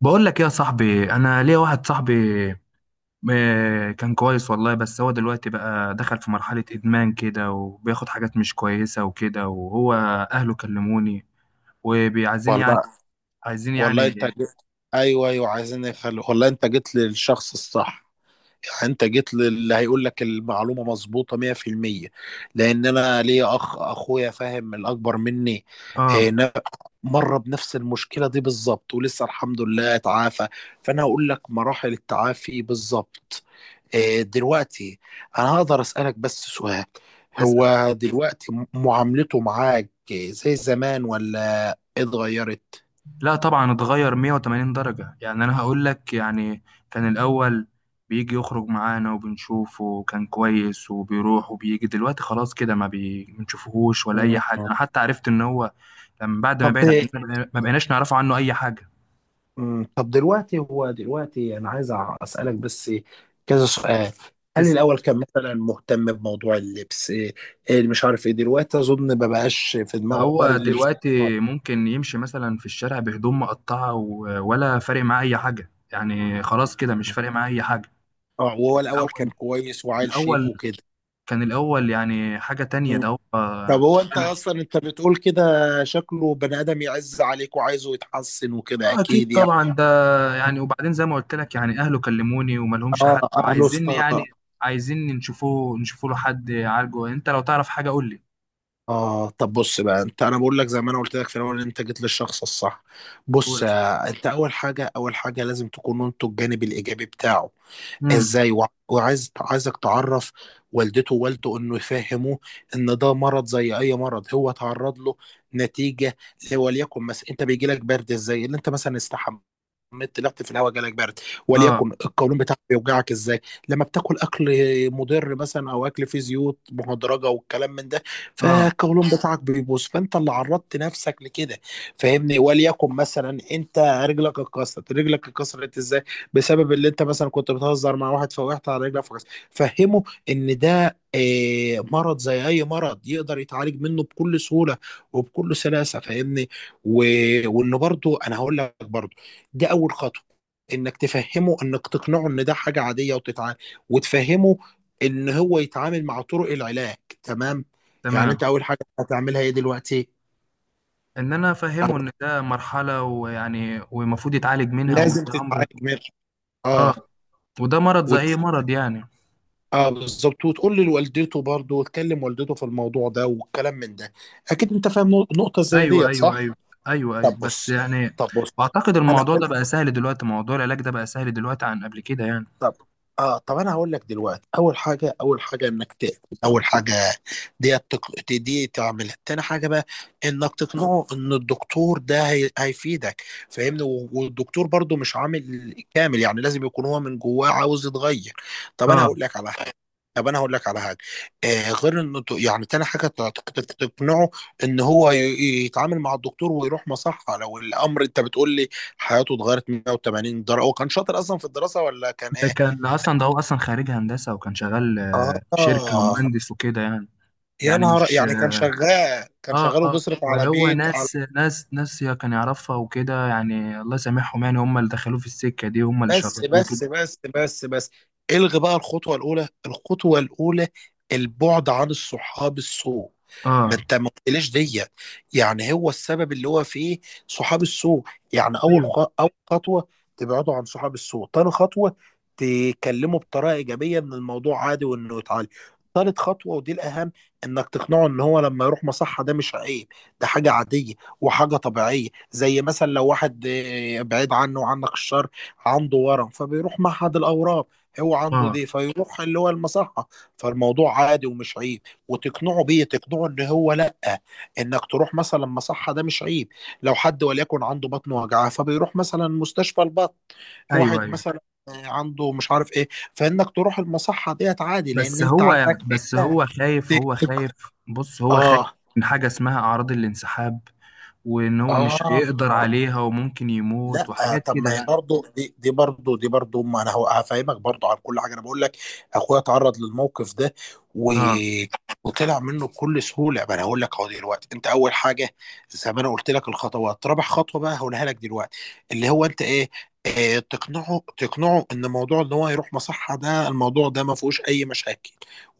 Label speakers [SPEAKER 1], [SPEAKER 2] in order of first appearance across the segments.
[SPEAKER 1] بقول لك إيه يا صاحبي. انا ليا واحد صاحبي، كان كويس والله. بس هو دلوقتي بقى دخل في مرحلة ادمان كده، وبياخد حاجات مش كويسة وكده. وهو اهله كلموني، وبيعايزين
[SPEAKER 2] والله
[SPEAKER 1] عايزين
[SPEAKER 2] والله انت
[SPEAKER 1] يعني.
[SPEAKER 2] جيت. ايوه، ايوه، عايزين يخلوا. والله انت جيت للشخص الصح. يعني انت جيت للي هيقول لك المعلومه مظبوطه 100%. لان انا ليا اخ، اخويا فاهم الاكبر مني. اه،
[SPEAKER 1] اه.
[SPEAKER 2] نا- مر بنفس المشكله دي بالظبط، ولسه الحمد لله اتعافى. فانا هقول لك مراحل التعافي بالظبط. اه، دلوقتي انا هقدر اسالك بس سؤال؟
[SPEAKER 1] اسأل.
[SPEAKER 2] هو دلوقتي معاملته معاك زي زمان ولا اتغيرت؟
[SPEAKER 1] لا طبعا، اتغير 180 درجة، يعني انا هقول لك يعني. كان الاول بيجي يخرج معانا وبنشوفه وكان كويس، وبيروح وبيجي. دلوقتي خلاص كده، ما بنشوفهوش ولا اي حاجة. انا حتى عرفت ان هو لما بعد ما
[SPEAKER 2] طب د-
[SPEAKER 1] بعد عننا، ما بقيناش نعرفه عنه اي حاجة.
[SPEAKER 2] مم، طب دلوقتي هو دلوقتي انا عايز اسالك بس كذا سؤال. هل
[SPEAKER 1] اسأل.
[SPEAKER 2] الاول كان مثلا مهتم بموضوع اللبس إيه مش عارف ايه دلوقتي؟ اظن ما بقاش في دماغه حوار
[SPEAKER 1] فهو
[SPEAKER 2] اللبس.
[SPEAKER 1] دلوقتي ممكن يمشي مثلا في الشارع بهدوم مقطعة ولا فارق معاه اي حاجة يعني. خلاص كده مش فارق معاه اي حاجة.
[SPEAKER 2] اه، وهو الاول كان
[SPEAKER 1] الاول
[SPEAKER 2] كويس وعيل شيك
[SPEAKER 1] الاول
[SPEAKER 2] وكده.
[SPEAKER 1] كان الاول يعني حاجة تانية
[SPEAKER 2] مم.
[SPEAKER 1] ده، هو.
[SPEAKER 2] طب هو انت اصلا انت بتقول كده شكله بني ادم يعز عليك وعايزه يتحسن وكده،
[SPEAKER 1] اه اكيد
[SPEAKER 2] اكيد يعني.
[SPEAKER 1] طبعا ده، يعني. وبعدين زي ما قلت لك يعني اهله كلموني، وما لهمش
[SPEAKER 2] اه.
[SPEAKER 1] حد،
[SPEAKER 2] اهله
[SPEAKER 1] وعايزين يعني.
[SPEAKER 2] استا-
[SPEAKER 1] عايزين نشوفوه، نشوفوا له حد يعالجه. انت لو تعرف حاجه قول لي.
[SPEAKER 2] اه، طب بص بقى انت، انا بقول لك زي ما انا قلت لك في الاول ان انت جيت للشخص الصح.
[SPEAKER 1] قول
[SPEAKER 2] بص،
[SPEAKER 1] يا صاحبي.
[SPEAKER 2] انت اول حاجه، اول حاجه لازم تكونوا انتوا الجانب الايجابي بتاعه.
[SPEAKER 1] امم.
[SPEAKER 2] ازاي؟ وع- وعايز عايزك تعرف والدته ووالده انه يفهموه ان ده مرض زي اي مرض هو اتعرض له. نتيجه، وليكن مثلا انت بيجي لك برد ازاي؟ اللي انت مثلا استحمى، مت طلعت في الهواء، جالك برد.
[SPEAKER 1] اه.
[SPEAKER 2] وليكن القولون بتاعك بيوجعك ازاي؟ لما بتاكل اكل مضر مثلا او اكل فيه زيوت مهدرجه والكلام من ده،
[SPEAKER 1] اه.
[SPEAKER 2] فالقولون بتاعك بيبوظ. فانت اللي عرضت نفسك لكده. فاهمني؟ وليكن مثلا انت رجلك اتكسرت. رجلك اتكسرت ازاي؟ بسبب اللي انت مثلا كنت بتهزر مع واحد فوقعت على رجلك فكس. فهمه ان ده مرض زي اي مرض، يقدر يتعالج منه بكل سهوله وبكل سلاسه. فاهمني؟ و... وانه برضو، انا هقول لك برضو، ده اول خطوه، انك تفهمه، انك تقنعه ان ده حاجه عاديه وتتعالج، وتفهمه ان هو يتعامل مع طرق العلاج. تمام؟ يعني
[SPEAKER 1] تمام.
[SPEAKER 2] انت اول حاجه هتعملها ايه دلوقتي؟
[SPEAKER 1] ان انا
[SPEAKER 2] او
[SPEAKER 1] افهمه ان ده مرحله ويعني والمفروض يتعالج منها،
[SPEAKER 2] لازم
[SPEAKER 1] وده امر.
[SPEAKER 2] تتعالج منه.
[SPEAKER 1] اه.
[SPEAKER 2] اه.
[SPEAKER 1] وده مرض زي اي مرض يعني.
[SPEAKER 2] اه، بالظبط. وتقول لي لوالدته برضه، وتكلم والدته في الموضوع ده والكلام من ده. اكيد انت فاهم نقطة زي
[SPEAKER 1] ايوه
[SPEAKER 2] ديت،
[SPEAKER 1] ايوه
[SPEAKER 2] صح؟
[SPEAKER 1] ايوه. ايوه ايوه،
[SPEAKER 2] طب
[SPEAKER 1] بس
[SPEAKER 2] بص
[SPEAKER 1] يعني
[SPEAKER 2] طب بص
[SPEAKER 1] واعتقد
[SPEAKER 2] انا
[SPEAKER 1] الموضوع ده بقى سهل دلوقتي، موضوع العلاج ده بقى سهل دلوقتي عن قبل كده يعني.
[SPEAKER 2] طب اه طب انا هقول لك دلوقتي. اول حاجه، اول حاجه انك تقفل. اول حاجه دي تعملها، تاني حاجه بقى انك تقنعه ان الدكتور ده هيفيدك. فاهمني؟ والدكتور برضو مش عامل كامل، يعني لازم يكون هو من جواه عاوز يتغير. طب انا
[SPEAKER 1] اه.
[SPEAKER 2] هقول لك على حاجه. طب انا هقول لك على حاجه غير انه يعني تاني حاجه، تقنعه ان هو يتعامل مع الدكتور ويروح مصحه. لو الامر انت بتقول لي حياته اتغيرت 180 درجة، هو كان شاطر أصلا في الدراسة ولا كان
[SPEAKER 1] ده
[SPEAKER 2] إيه؟
[SPEAKER 1] كان اصلا ده هو اصلا خريج هندسه وكان شغال في شركه
[SPEAKER 2] آه
[SPEAKER 1] ومهندس وكده يعني.
[SPEAKER 2] يا
[SPEAKER 1] يعني
[SPEAKER 2] نهار،
[SPEAKER 1] مش.
[SPEAKER 2] يعني كان شغال، كان
[SPEAKER 1] اه.
[SPEAKER 2] شغال
[SPEAKER 1] اه.
[SPEAKER 2] وبيصرف على
[SPEAKER 1] وهو
[SPEAKER 2] بيت، على...
[SPEAKER 1] ناس يا كان يعرفها وكده، يعني الله يسامحهم، يعني هم اللي دخلوه في السكه دي، هم اللي
[SPEAKER 2] بس،
[SPEAKER 1] شربوه
[SPEAKER 2] بس،
[SPEAKER 1] كده.
[SPEAKER 2] بس، بس، بس. الغي بقى الخطوة الأولى. الخطوة الأولى البعد عن الصحاب السوء. ما
[SPEAKER 1] اه.
[SPEAKER 2] انت ما قلتليش ديت، يعني هو السبب اللي هو فيه صحاب السوء. يعني
[SPEAKER 1] ايوه.
[SPEAKER 2] أول خطوة تبعدوا عن صحاب السوء. تاني خطوة، تكلموا بطريقة إيجابية إن الموضوع عادي وإنه يتعالج. تالت خطوة ودي الأهم، إنك تقنعه إن هو لما يروح مصحة ده مش عيب، ده حاجة عادية، وحاجة طبيعية. زي مثلا لو واحد بعيد عنه وعنك الشر، عنده ورم فبيروح معهد الاورام. هو عنده
[SPEAKER 1] اه.
[SPEAKER 2] دي فيروح اللي هو المصحه. فالموضوع عادي ومش عيب. وتقنعه بيه، تقنعه ان هو لا، انك تروح مثلا مصحه ده مش عيب. لو حد وليكن عنده بطن وجعاه، فبيروح مثلا مستشفى البطن.
[SPEAKER 1] ايوه
[SPEAKER 2] واحد
[SPEAKER 1] ايوه.
[SPEAKER 2] مثلا عنده مش عارف ايه، فانك تروح المصحه ديت عادي، لان
[SPEAKER 1] بس
[SPEAKER 2] انت
[SPEAKER 1] هو
[SPEAKER 2] عندك.
[SPEAKER 1] بس هو خايف. هو خايف. بص، هو خايف
[SPEAKER 2] اه.
[SPEAKER 1] من حاجه اسمها اعراض الانسحاب، وان هو مش
[SPEAKER 2] اه.
[SPEAKER 1] هيقدر عليها وممكن يموت
[SPEAKER 2] لا،
[SPEAKER 1] وحاجات
[SPEAKER 2] طب
[SPEAKER 1] كده
[SPEAKER 2] ما هي
[SPEAKER 1] يعني.
[SPEAKER 2] برضه دي برضه ما انا هفهمك برضه عن كل حاجه. انا بقول لك اخويا اتعرض للموقف ده و...
[SPEAKER 1] اه.
[SPEAKER 2] وطلع منه بكل سهوله. ما انا هقول لك اهو. دلوقتي انت اول حاجه، زي ما انا قلت لك الخطوات. رابع خطوه بقى هقولها لك دلوقتي، اللي هو انت ايه، تقنعه ان موضوع ان هو يروح مصحه ده، الموضوع ده ما فيهوش اي مشاكل،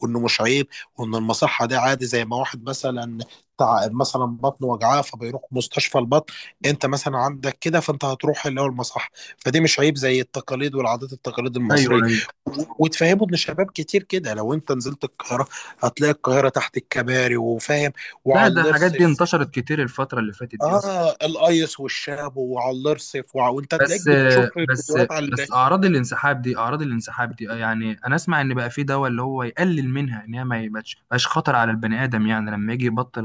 [SPEAKER 2] وانه مش عيب، وان المصحه ده عادي. زي ما واحد مثلا مثلا بطنه وجعاه فبيروح مستشفى البطن. انت مثلا عندك كده، فانت هتروح اللي هو المصح. فدي مش عيب زي التقاليد والعادات، التقاليد
[SPEAKER 1] ايوه
[SPEAKER 2] المصريه.
[SPEAKER 1] ايوه.
[SPEAKER 2] وتفهموا ان شباب كتير كده. لو انت نزلت القاهره هتلاقي القاهره تحت الكباري وفاهم، وعلى
[SPEAKER 1] لا، ده الحاجات دي
[SPEAKER 2] الارصف.
[SPEAKER 1] انتشرت كتير الفتره اللي فاتت دي اصلا.
[SPEAKER 2] اه، الايس والشاب وعلى الارصف، وانت تلاقيك
[SPEAKER 1] بس
[SPEAKER 2] بتشوف
[SPEAKER 1] بس
[SPEAKER 2] فيديوهات على
[SPEAKER 1] بس.
[SPEAKER 2] ال-.
[SPEAKER 1] اعراض الانسحاب دي. يعني انا اسمع ان بقى في دواء اللي هو يقلل منها، ان هي ما يبقاش مبقاش خطر على البني ادم، يعني لما يجي يبطل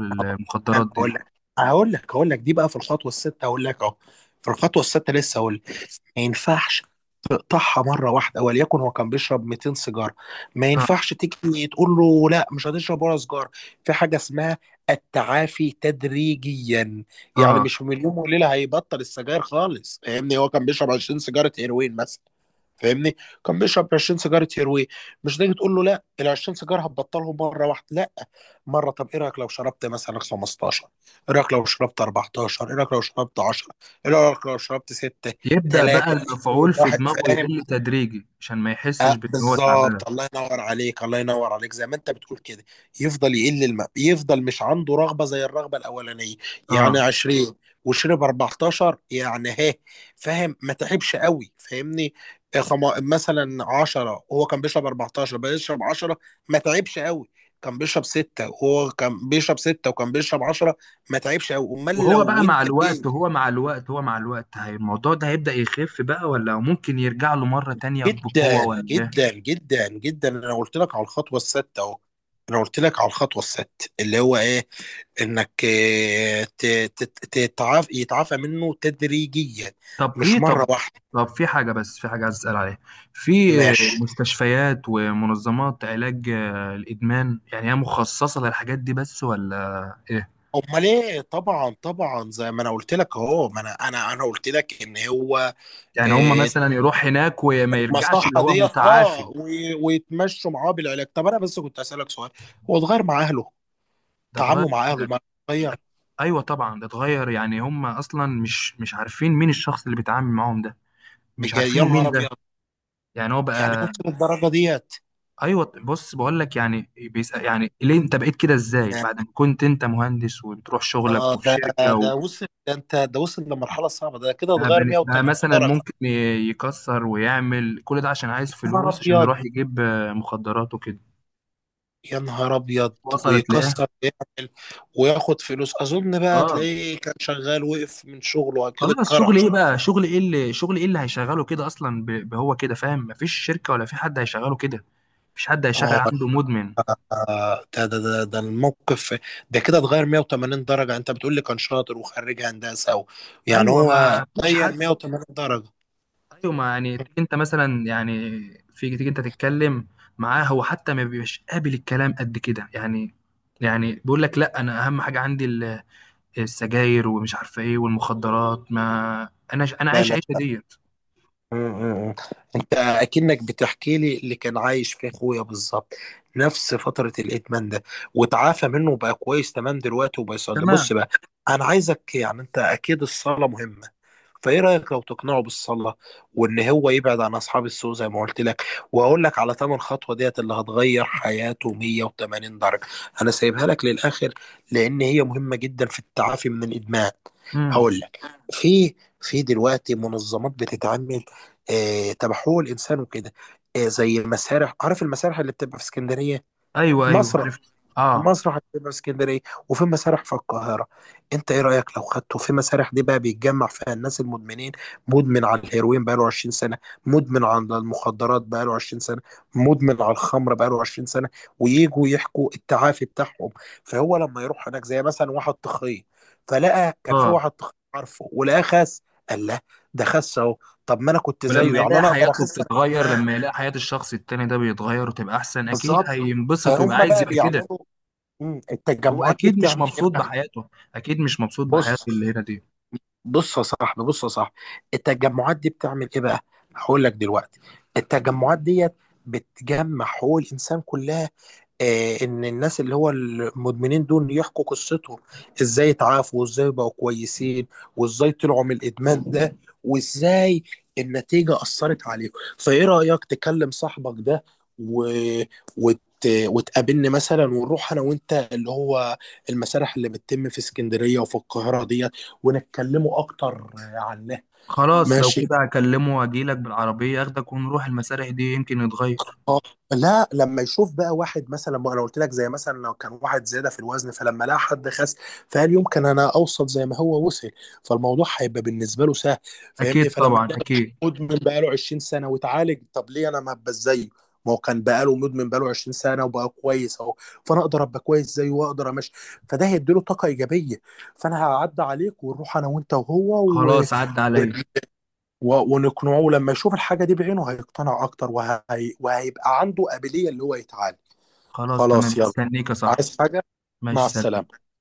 [SPEAKER 2] انا
[SPEAKER 1] المخدرات دي.
[SPEAKER 2] هقول لك دي بقى في الخطوه السادسه، هقول لك اهو. في الخطوه السادسه لسه هقول. ما ينفعش تقطعها مره واحده. وليكن هو كان بيشرب 200 سيجاره، ما
[SPEAKER 1] اه.
[SPEAKER 2] ينفعش تيجي تقول له لا مش هتشرب ولا سيجاره. في حاجه اسمها التعافي تدريجيا. يعني
[SPEAKER 1] اه.
[SPEAKER 2] مش من يوم وليله هيبطل السجاير خالص. فاهمني؟ هو كان بيشرب 20 سيجاره هيروين مثلا. فاهمني؟ كان بيشرب 20 سيجاره هيروين. مش تيجي تقول له لا، ال 20 سيجاره هتبطلهم مره واحده. لا، مره طب ايه رايك لو شربت مثلا 15؟ ايه رايك لو شربت 14؟ ايه رايك لو شربت 10؟ ايه رايك لو شربت 6؟
[SPEAKER 1] يبدأ بقى
[SPEAKER 2] 3،
[SPEAKER 1] المفعول
[SPEAKER 2] 2،
[SPEAKER 1] في
[SPEAKER 2] 1.
[SPEAKER 1] دماغه
[SPEAKER 2] فاهم؟
[SPEAKER 1] يقل تدريجي عشان ما يحسش بان هو تعبان.
[SPEAKER 2] بالظبط. الله ينور عليك. الله ينور عليك. زي ما انت بتقول كده، يفضل يقل الماء، يفضل مش عنده رغبة زي الرغبة الأولانية. يعني
[SPEAKER 1] اه.
[SPEAKER 2] 20 وشرب 14 يعني، ها فاهم؟ ما تعبش قوي. فاهمني؟ مثلا 10، وهو كان بيشرب 14 بقى يشرب 10، ما تعبش قوي. كان بيشرب 6، وهو كان بيشرب 6 وكان بيشرب 10، ما تعبش قوي. امال
[SPEAKER 1] وهو
[SPEAKER 2] لو
[SPEAKER 1] بقى مع
[SPEAKER 2] انت
[SPEAKER 1] الوقت
[SPEAKER 2] إيه.
[SPEAKER 1] وهو مع الوقت هو مع الوقت هي، الموضوع ده هيبدأ يخف بقى، ولا ممكن يرجع له مرة تانية بقوة
[SPEAKER 2] جدا،
[SPEAKER 1] ولا إيه؟
[SPEAKER 2] جدا، جدا، جدا. انا قلت لك على الخطوه السادسه اهو. انا قلت لك على الخطوه السادسه اللي هو ايه، انك يتعافى منه تدريجيا،
[SPEAKER 1] طب
[SPEAKER 2] مش
[SPEAKER 1] في
[SPEAKER 2] مره
[SPEAKER 1] طب
[SPEAKER 2] واحده.
[SPEAKER 1] طب في حاجة، بس في حاجة عايز أسأل عليها. في
[SPEAKER 2] ماشي.
[SPEAKER 1] مستشفيات ومنظمات علاج الإدمان، يعني هي مخصصة للحاجات دي بس ولا إيه؟
[SPEAKER 2] امال ايه، طبعا، طبعا. زي ما انا قلت لك اهو. ما انا قلت لك ان هو،
[SPEAKER 1] يعني هم
[SPEAKER 2] آه،
[SPEAKER 1] مثلا يروح هناك وما يرجعش اللي
[SPEAKER 2] المصحه
[SPEAKER 1] هو
[SPEAKER 2] ديت،
[SPEAKER 1] متعافي.
[SPEAKER 2] اه، ويتمشوا معاه بالعلاج. طب انا بس كنت اسالك سؤال، هو اتغير مع اهله؟
[SPEAKER 1] ده اتغير
[SPEAKER 2] تعامله مع
[SPEAKER 1] ده
[SPEAKER 2] اهله ما اتغير؟
[SPEAKER 1] أيوه طبعا ده اتغير، يعني هم أصلا مش عارفين مين الشخص اللي بيتعامل معاهم ده. مش
[SPEAKER 2] بجد يا
[SPEAKER 1] عارفينه مين
[SPEAKER 2] نهار ابيض.
[SPEAKER 1] ده. يعني هو
[SPEAKER 2] يعني
[SPEAKER 1] بقى.
[SPEAKER 2] وصل للدرجه ديت.
[SPEAKER 1] ايوه، بص بقول لك يعني. بيسأل يعني ليه انت بقيت كده؟ ازاي
[SPEAKER 2] ده-
[SPEAKER 1] بعد ما كنت انت مهندس وبتروح شغلك وفي شركه؟
[SPEAKER 2] ده وصل لمرحله صعبه. ده كده
[SPEAKER 1] بقى
[SPEAKER 2] اتغير
[SPEAKER 1] بقى
[SPEAKER 2] 180
[SPEAKER 1] مثلا
[SPEAKER 2] درجه.
[SPEAKER 1] ممكن يكسر ويعمل كل ده عشان عايز
[SPEAKER 2] يا نهار
[SPEAKER 1] فلوس عشان
[SPEAKER 2] ابيض.
[SPEAKER 1] يروح يجيب مخدرات وكده.
[SPEAKER 2] يا نهار ابيض.
[SPEAKER 1] وصلت ليه.
[SPEAKER 2] ويكسر ويعمل وياخد فلوس، اظن. بقى
[SPEAKER 1] اه.
[SPEAKER 2] تلاقيه كان شغال وقف من شغله كده
[SPEAKER 1] خلاص. شغل
[SPEAKER 2] اتكرش.
[SPEAKER 1] ايه بقى شغل ايه اللي شغل ايه اللي هيشغله كده اصلا، بهو كده فاهم. مفيش شركة ولا في حد هيشغله كده. مفيش حد هيشغل
[SPEAKER 2] اه.
[SPEAKER 1] عنده مدمن.
[SPEAKER 2] ده الموقف. ده كده اتغير 180 درجه، انت بتقول لي كان شاطر وخريج هندسه، يعني
[SPEAKER 1] ايوه
[SPEAKER 2] هو
[SPEAKER 1] ما فيش
[SPEAKER 2] غير
[SPEAKER 1] حد.
[SPEAKER 2] 180 درجه.
[SPEAKER 1] ايوه، ما يعني تيجي انت مثلا يعني في تيجي انت تتكلم معاه، هو حتى ما بيبقاش قابل الكلام قد كده يعني. يعني بيقول لك لا، انا اهم حاجة عندي السجاير ومش عارفه ايه والمخدرات، ما انا
[SPEAKER 2] لا،
[SPEAKER 1] عايش
[SPEAKER 2] لا.
[SPEAKER 1] عيشه ديت.
[SPEAKER 2] م- م- م. انت اكنك بتحكي لي اللي كان عايش فيه اخويا بالظبط، نفس فترة الادمان ده. وتعافى منه وبقى كويس تمام دلوقتي وبيصلي.
[SPEAKER 1] تمام.
[SPEAKER 2] بص بقى، انا عايزك يعني انت اكيد الصلاة مهمة، فايه رايك لو تقنعه بالصلاة، وان هو يبعد عن اصحاب السوء زي ما قلت لك. واقول لك على ثمن خطوة ديت اللي هتغير حياته 180 درجة. انا سايبها لك للاخر، لان هي مهمة جدا في التعافي من الادمان.
[SPEAKER 1] امم.
[SPEAKER 2] هقول لك. في في دلوقتي منظمات بتتعمل، تبع حقوق الانسان وكده، زي المسارح، عارف المسارح اللي بتبقى في اسكندريه؟
[SPEAKER 1] ايوه ايوه
[SPEAKER 2] مصر،
[SPEAKER 1] عرفت. اه.
[SPEAKER 2] المسرح هتبقى اسكندريه، وفي مسارح في القاهره. انت ايه رايك لو خدته في مسارح دي بقى؟ بيتجمع فيها الناس المدمنين. مدمن على الهيروين بقاله 20 سنه. مدمن على المخدرات بقاله 20 سنه. مدمن على الخمر بقاله 20 سنه. ويجوا يحكوا التعافي بتاعهم. فهو لما يروح هناك، زي مثلا واحد تخين فلقى، كان في
[SPEAKER 1] اه.
[SPEAKER 2] واحد تخين عارفه ولقاه خس. قال له ده خس اهو. طب ما انا كنت زيه
[SPEAKER 1] ولما
[SPEAKER 2] يعني،
[SPEAKER 1] يلاقي
[SPEAKER 2] انا اقدر
[SPEAKER 1] حياته
[SPEAKER 2] اخس انا
[SPEAKER 1] بتتغير،
[SPEAKER 2] كمان.
[SPEAKER 1] لما يلاقي حياة الشخص التاني ده بيتغير وتبقى احسن، اكيد
[SPEAKER 2] بالظبط.
[SPEAKER 1] هينبسط ويبقى
[SPEAKER 2] فهم
[SPEAKER 1] عايز
[SPEAKER 2] بقى
[SPEAKER 1] يبقى كده.
[SPEAKER 2] بيعملوا.
[SPEAKER 1] هو
[SPEAKER 2] التجمعات دي
[SPEAKER 1] اكيد مش
[SPEAKER 2] بتعمل ايه؟
[SPEAKER 1] مبسوط بحياته. اكيد مش مبسوط بحياته
[SPEAKER 2] بص
[SPEAKER 1] اللي هنا دي.
[SPEAKER 2] بص يا صاحبي، التجمعات دي بتعمل ايه بقى؟ هقول لك دلوقتي. التجمعات ديت بتجمع حقوق الانسان كلها، ان الناس اللي هو المدمنين دول يحكوا قصتهم، ازاي اتعافوا وازاي بقوا كويسين، وازاي طلعوا من الادمان ده، وازاي النتيجة أثرت عليهم. فايه رأيك تكلم صاحبك ده و... وت... وتقابلني مثلا، ونروح انا وانت اللي هو المسارح اللي بتتم في اسكندرية وفي القاهرة ديت، ونتكلموا اكتر عنها.
[SPEAKER 1] خلاص لو
[SPEAKER 2] ماشي.
[SPEAKER 1] كده هكلمه واجيلك بالعربية، اخدك ونروح المسارح دي يمكن يتغير.
[SPEAKER 2] اه. لا، لما يشوف بقى واحد مثلا، ما انا قلت لك زي مثلا لو كان واحد زياده في الوزن فلما لقى حد خس، فقال يمكن انا اوصل زي ما هو وصل، فالموضوع هيبقى بالنسبه له سهل. فاهمني؟
[SPEAKER 1] اكيد
[SPEAKER 2] فلما
[SPEAKER 1] طبعا
[SPEAKER 2] يلاقي واحد
[SPEAKER 1] اكيد.
[SPEAKER 2] مدمن بقى له 20 سنه واتعالج، طب ليه انا ما ابقى زيه؟ ما هو كان بقى له مدمن بقى له 20 سنه وبقى كويس اهو، فانا اقدر ابقى كويس زيه واقدر امشي. فده هيديله طاقه ايجابيه. فانا هعدي عليك ونروح انا وانت وهو، و...
[SPEAKER 1] خلاص عدى عليا.
[SPEAKER 2] ونقنعه. لما يشوف الحاجة دي بعينه هيقتنع أكتر، وهيبقى عنده قابلية اللي هو يتعالج.
[SPEAKER 1] خلاص
[SPEAKER 2] خلاص
[SPEAKER 1] تمام،
[SPEAKER 2] يلا.
[SPEAKER 1] استنيك يا صاحبي.
[SPEAKER 2] عايز حاجة؟
[SPEAKER 1] ماشي
[SPEAKER 2] مع
[SPEAKER 1] سلام.
[SPEAKER 2] السلامة.